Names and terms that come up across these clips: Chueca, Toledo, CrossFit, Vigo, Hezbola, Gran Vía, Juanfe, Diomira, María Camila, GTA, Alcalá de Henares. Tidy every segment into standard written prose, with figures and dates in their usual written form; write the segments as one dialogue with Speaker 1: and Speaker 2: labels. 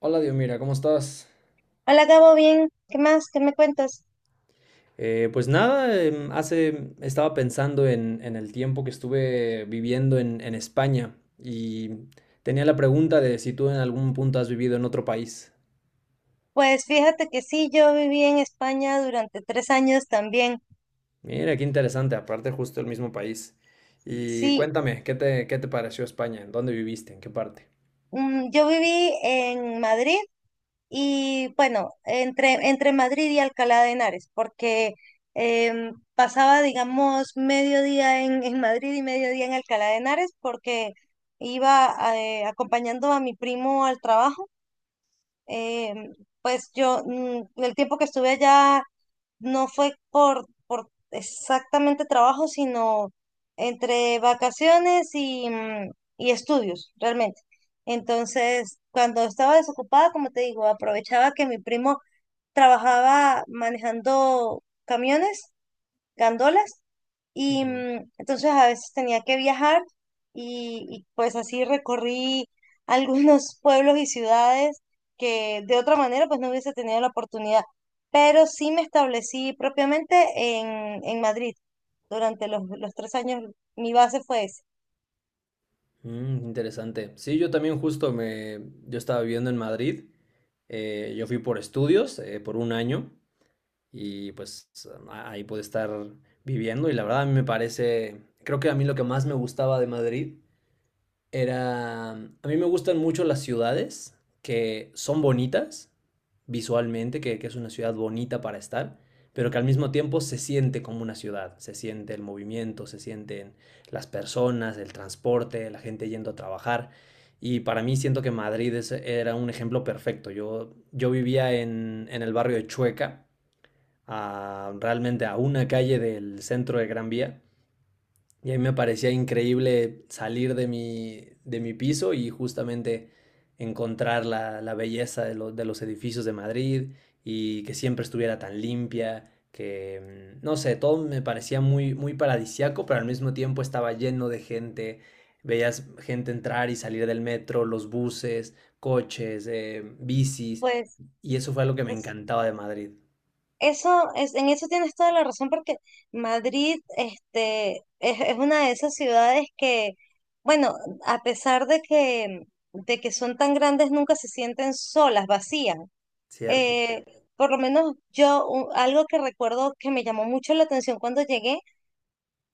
Speaker 1: Hola, Diomira, ¿cómo estás?
Speaker 2: Hola Gabo, bien, ¿qué más? ¿Qué me cuentas?
Speaker 1: Pues nada, em, hace estaba pensando en el tiempo que estuve viviendo en España y tenía la pregunta de si tú en algún punto has vivido en otro país.
Speaker 2: Pues fíjate que sí, yo viví en España durante tres años también.
Speaker 1: Mira, qué interesante, aparte justo el mismo país. Y
Speaker 2: Sí,
Speaker 1: cuéntame, ¿qué te pareció España? ¿En dónde viviste? ¿En qué parte?
Speaker 2: yo viví en Madrid y bueno, entre Madrid y Alcalá de Henares, porque pasaba, digamos, mediodía en Madrid y mediodía en Alcalá de Henares, porque iba acompañando a mi primo al trabajo. Em, pues yo, el tiempo que estuve allá no fue por exactamente trabajo, sino entre vacaciones y, y estudios, realmente. Entonces, cuando estaba desocupada, como te digo, aprovechaba que mi primo trabajaba manejando camiones, gandolas, y
Speaker 1: Ujú.
Speaker 2: entonces a veces tenía que viajar y pues así recorrí algunos pueblos y ciudades que de otra manera pues no hubiese tenido la oportunidad. Pero sí me establecí propiamente en Madrid durante los tres años. Mi base fue esa.
Speaker 1: Mm, interesante. Sí, yo también yo estaba viviendo en Madrid. Yo fui por estudios, por un año. Y pues ahí pude estar viviendo y la verdad a mí me parece, creo que a mí lo que más me gustaba de Madrid era, a mí me gustan mucho las ciudades que son bonitas visualmente, que es una ciudad bonita para estar, pero que al mismo tiempo se siente como una ciudad, se siente el movimiento, se sienten las personas, el transporte, la gente yendo a trabajar. Y para mí siento que Madrid era un ejemplo perfecto. Yo vivía en el barrio de Chueca, realmente a una calle del centro de Gran Vía. Y a mí me parecía increíble salir de mi piso y justamente encontrar la belleza de los edificios de Madrid y que siempre estuviera tan limpia, que no sé, todo me parecía muy, muy paradisiaco, pero al mismo tiempo estaba lleno de gente. Veías gente entrar y salir del metro, los buses, coches, bicis,
Speaker 2: Pues,
Speaker 1: y eso fue algo que me
Speaker 2: pues
Speaker 1: encantaba de Madrid,
Speaker 2: eso es, en eso tienes toda la razón porque Madrid, este, es una de esas ciudades que, bueno, a pesar de que son tan grandes, nunca se sienten solas, vacías.
Speaker 1: ¿cierto?
Speaker 2: Eh, por lo menos yo, algo que recuerdo que me llamó mucho la atención cuando llegué,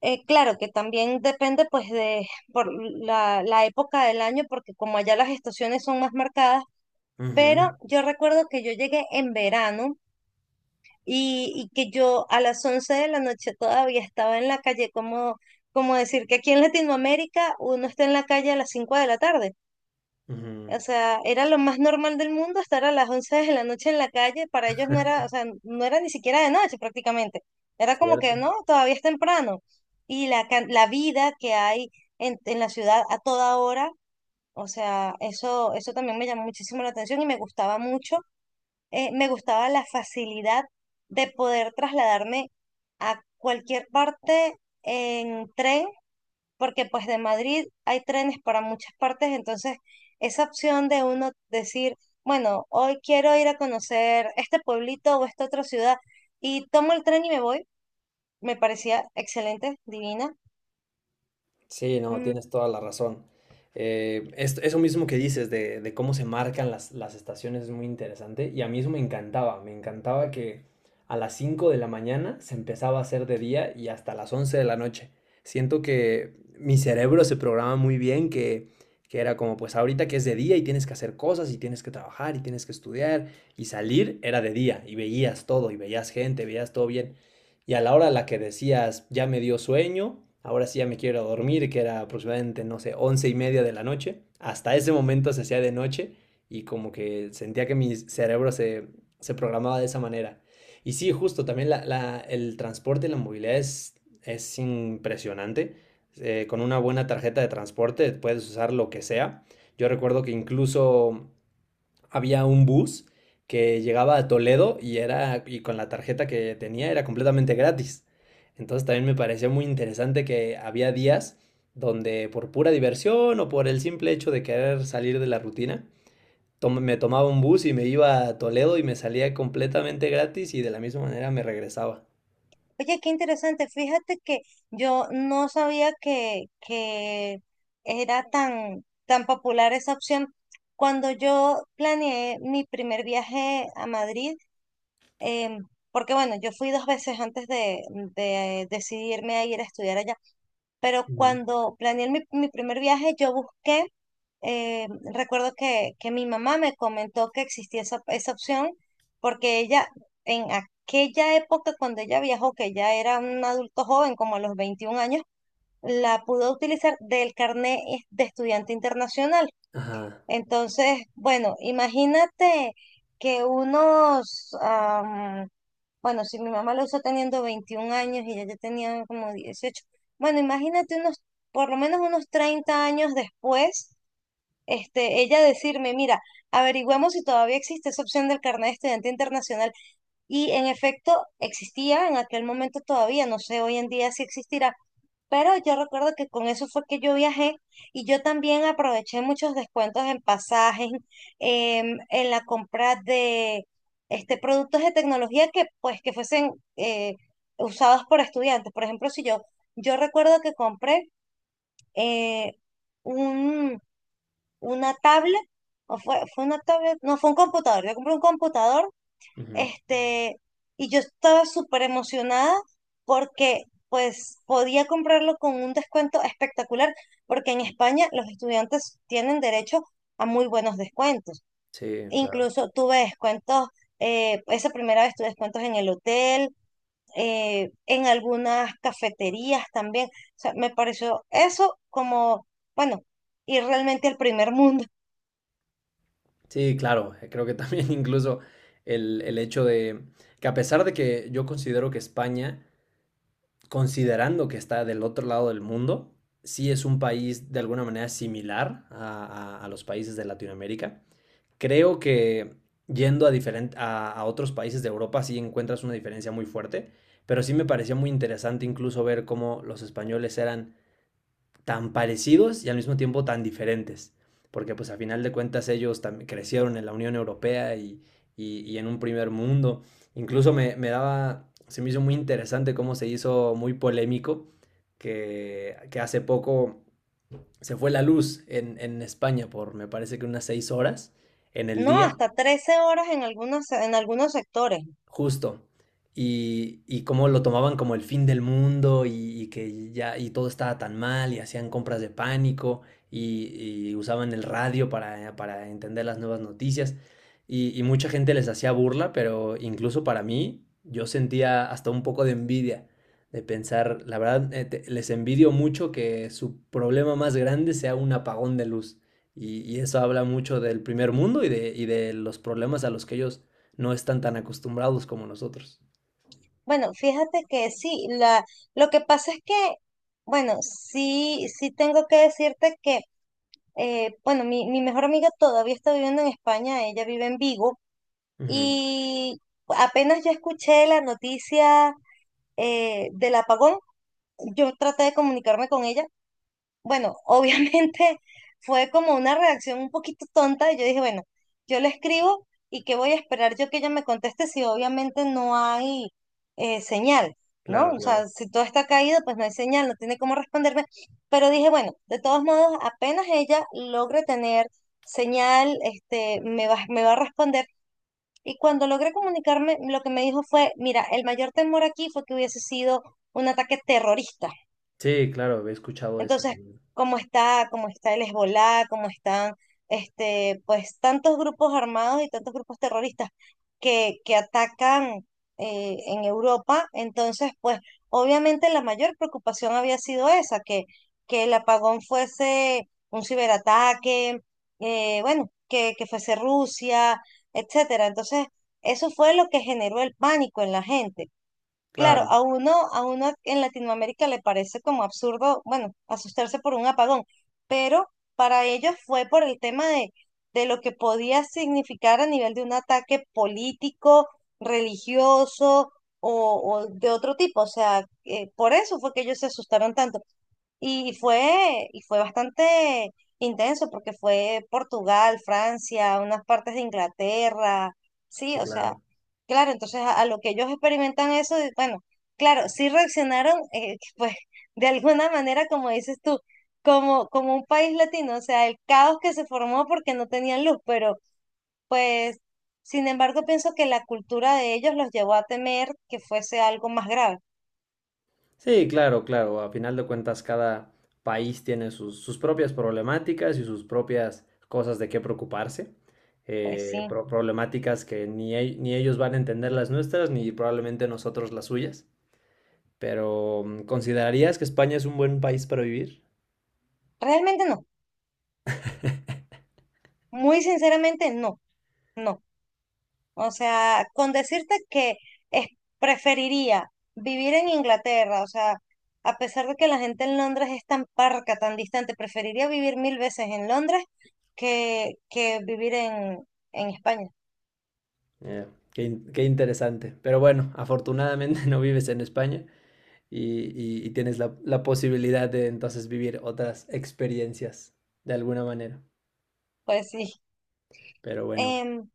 Speaker 2: claro que también depende pues de por la época del año, porque como allá las estaciones son más marcadas, pero
Speaker 1: Ujú.
Speaker 2: yo recuerdo que yo llegué en verano y que yo a las 11 de la noche todavía estaba en la calle, como, como decir que aquí en Latinoamérica uno está en la calle a las 5 de la tarde.
Speaker 1: Ujú.
Speaker 2: O sea, era lo más normal del mundo estar a las 11 de la noche en la calle, para ellos no era, o sea, no era ni siquiera de noche prácticamente. Era como
Speaker 1: ¿Cierto?
Speaker 2: que no, todavía es temprano. Y la vida que hay en la ciudad a toda hora, o sea, eso también me llamó muchísimo la atención y me gustaba mucho. Me gustaba la facilidad de poder trasladarme a cualquier parte en tren, porque pues de Madrid hay trenes para muchas partes, entonces esa opción de uno decir, bueno, hoy quiero ir a conocer este pueblito o esta otra ciudad y tomo el tren y me voy, me parecía excelente, divina.
Speaker 1: Sí, no,
Speaker 2: Mm,
Speaker 1: tienes toda la razón. Eso mismo que dices de cómo se marcan las estaciones es muy interesante y a mí eso me encantaba que a las 5 de la mañana se empezaba a hacer de día y hasta las 11 de la noche. Siento que mi cerebro se programa muy bien, que era como pues ahorita que es de día y tienes que hacer cosas y tienes que trabajar y tienes que estudiar y salir era de día y veías todo y veías gente, veías todo bien. Y a la hora a la que decías, ya me dio sueño, ahora sí ya me quiero dormir, que era aproximadamente, no sé, 11:30 de la noche, hasta ese momento se hacía de noche y como que sentía que mi cerebro se programaba de esa manera. Y sí, justo, también el transporte y la movilidad es impresionante. Con una buena tarjeta de transporte puedes usar lo que sea. Yo recuerdo que incluso había un bus que llegaba a Toledo y con la tarjeta que tenía era completamente gratis. Entonces también me pareció muy interesante que había días donde por pura diversión o por el simple hecho de querer salir de la rutina, me tomaba un bus y me iba a Toledo y me salía completamente gratis y de la misma manera me regresaba.
Speaker 2: Oye, qué interesante, fíjate que yo no sabía que era tan, tan popular esa opción. Cuando yo planeé mi primer viaje a Madrid, Em, porque bueno, yo fui dos veces antes de decidirme a ir a estudiar allá, pero
Speaker 1: Ujú.
Speaker 2: cuando planeé mi primer viaje, yo busqué, eh, recuerdo que mi mamá me comentó que existía esa opción, porque ella en aquella época, cuando ella viajó, que ya era un adulto joven, como a los 21 años, la pudo utilizar del carnet de estudiante internacional.
Speaker 1: Ajá.
Speaker 2: Entonces, bueno, imagínate que unos... Bueno, si mi mamá lo usó teniendo 21 años y ella ya tenía como 18. Bueno, imagínate unos, por lo menos unos 30 años después, este, ella decirme, mira, averigüemos si todavía existe esa opción del carnet de estudiante internacional. Y en efecto, existía en aquel momento todavía, no sé hoy en día si existirá, pero yo recuerdo que con eso fue que yo viajé y yo también aproveché muchos descuentos en pasajes, en la compra de este, productos de tecnología que pues que fuesen usados por estudiantes. Por ejemplo, si yo, yo recuerdo que compré eh, un, una tablet, o fue una tablet, no, fue un computador. Yo compré un computador
Speaker 1: Ujú.
Speaker 2: este, y yo estaba súper emocionada porque pues podía comprarlo con un descuento espectacular, porque en España los estudiantes tienen derecho a muy buenos descuentos.
Speaker 1: Sí, claro.
Speaker 2: Incluso tuve descuentos, esa primera vez tuve descuentos en el hotel, en algunas cafeterías también. O sea, me pareció eso como, bueno, ir realmente al primer mundo.
Speaker 1: Sí, claro. Creo que también incluso el hecho de que a pesar de que yo considero que España considerando que está del otro lado del mundo, sí es un país de alguna manera similar a, a los países de Latinoamérica. Creo que yendo a otros países de Europa sí encuentras una diferencia muy fuerte, pero sí me parecía muy interesante incluso ver cómo los españoles eran tan parecidos y al mismo tiempo tan diferentes, porque pues a final de cuentas ellos también crecieron en la Unión Europea y en un primer mundo. Incluso se me hizo muy interesante cómo se hizo muy polémico que hace poco se fue la luz en España por me parece que unas 6 horas en el
Speaker 2: No,
Speaker 1: día.
Speaker 2: hasta 13 horas en algunos sectores, ¿no?
Speaker 1: Justo. Y cómo lo tomaban como el fin del mundo, y que ya y todo estaba tan mal y hacían compras de pánico, y usaban el radio para entender las nuevas noticias. Y mucha gente les hacía burla, pero incluso para mí yo sentía hasta un poco de envidia de pensar, la verdad, les envidio mucho que su problema más grande sea un apagón de luz. Y eso habla mucho del primer mundo y y de los problemas a los que ellos no están tan acostumbrados como nosotros.
Speaker 2: Bueno, fíjate que sí, la, lo que pasa es que, bueno, sí, sí tengo que decirte que, bueno, mi mejor amiga todavía está viviendo en España, ella vive en Vigo,
Speaker 1: Ujú.
Speaker 2: y apenas yo escuché la noticia del apagón, yo traté de comunicarme con ella, bueno, obviamente fue como una reacción un poquito tonta y yo dije, bueno, yo le escribo y qué voy a esperar yo que ella me conteste si obviamente no hay señal, ¿no?
Speaker 1: Claro,
Speaker 2: O
Speaker 1: claro.
Speaker 2: sea, si todo está caído, pues no hay señal, no tiene cómo responderme. Pero dije, bueno, de todos modos, apenas ella logre tener señal, este, me va a responder. Y cuando logré comunicarme, lo que me dijo fue, mira, el mayor temor aquí fue que hubiese sido un ataque terrorista.
Speaker 1: Sí, claro, he escuchado eso
Speaker 2: Entonces,
Speaker 1: también.
Speaker 2: como está el Hezbolá, como están este, pues tantos grupos armados y tantos grupos terroristas que atacan en Europa, entonces, pues obviamente la mayor preocupación había sido esa, que el apagón fuese un ciberataque, bueno, que fuese Rusia, etcétera. Entonces, eso fue lo que generó el pánico en la gente. Claro,
Speaker 1: Claro,
Speaker 2: a uno en Latinoamérica le parece como absurdo, bueno, asustarse por un apagón, pero para ellos fue por el tema de lo que podía significar a nivel de un ataque político, religioso o de otro tipo. O sea, por eso fue que ellos se asustaron tanto. Y fue bastante intenso porque fue Portugal, Francia, unas partes de Inglaterra, sí,
Speaker 1: sí,
Speaker 2: o sea,
Speaker 1: claro.
Speaker 2: claro, entonces a lo que ellos experimentan eso, y bueno, claro, sí reaccionaron, pues de alguna manera, como dices tú, como, como un país latino, o sea, el caos que se formó porque no tenían luz, pero pues, sin embargo, pienso que la cultura de ellos los llevó a temer que fuese algo más grave,
Speaker 1: Sí, claro, claro. A final de cuentas, cada país tiene sus propias problemáticas y sus propias cosas de qué preocuparse.
Speaker 2: pues sí,
Speaker 1: Problemáticas que ni, ni ellos van a entender las nuestras, ni probablemente nosotros las suyas. Pero, ¿considerarías que España es un buen país para vivir?
Speaker 2: realmente no, muy sinceramente no. No. O sea, con decirte que es- preferiría vivir en Inglaterra, o sea, a pesar de que la gente en Londres es tan parca, tan distante, preferiría vivir mil veces en Londres que vivir en España.
Speaker 1: Eh, Qué interesante. Pero bueno, afortunadamente no vives en España. Y, y tienes la posibilidad de entonces vivir otras experiencias de alguna manera.
Speaker 2: Pues sí.
Speaker 1: Pero bueno,
Speaker 2: Em,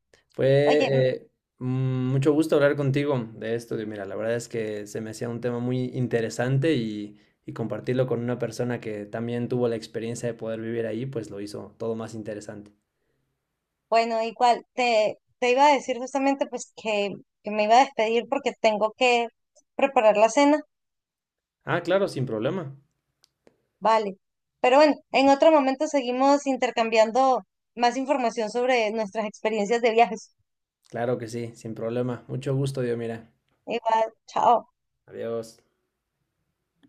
Speaker 2: oye,
Speaker 1: fue eh, mucho gusto hablar contigo de esto. Y mira, la verdad es que se me hacía un tema muy interesante y compartirlo con una persona que también tuvo la experiencia de poder vivir ahí, pues lo hizo todo más interesante.
Speaker 2: bueno, igual, te iba a decir justamente pues que me iba a despedir porque tengo que preparar la cena,
Speaker 1: Ah, claro, sin problema.
Speaker 2: vale. Pero bueno, en otro momento seguimos intercambiando más información sobre nuestras experiencias de viajes.
Speaker 1: Claro que sí, sin problema. Mucho gusto, Dios, mira.
Speaker 2: Igual, chao.
Speaker 1: Adiós.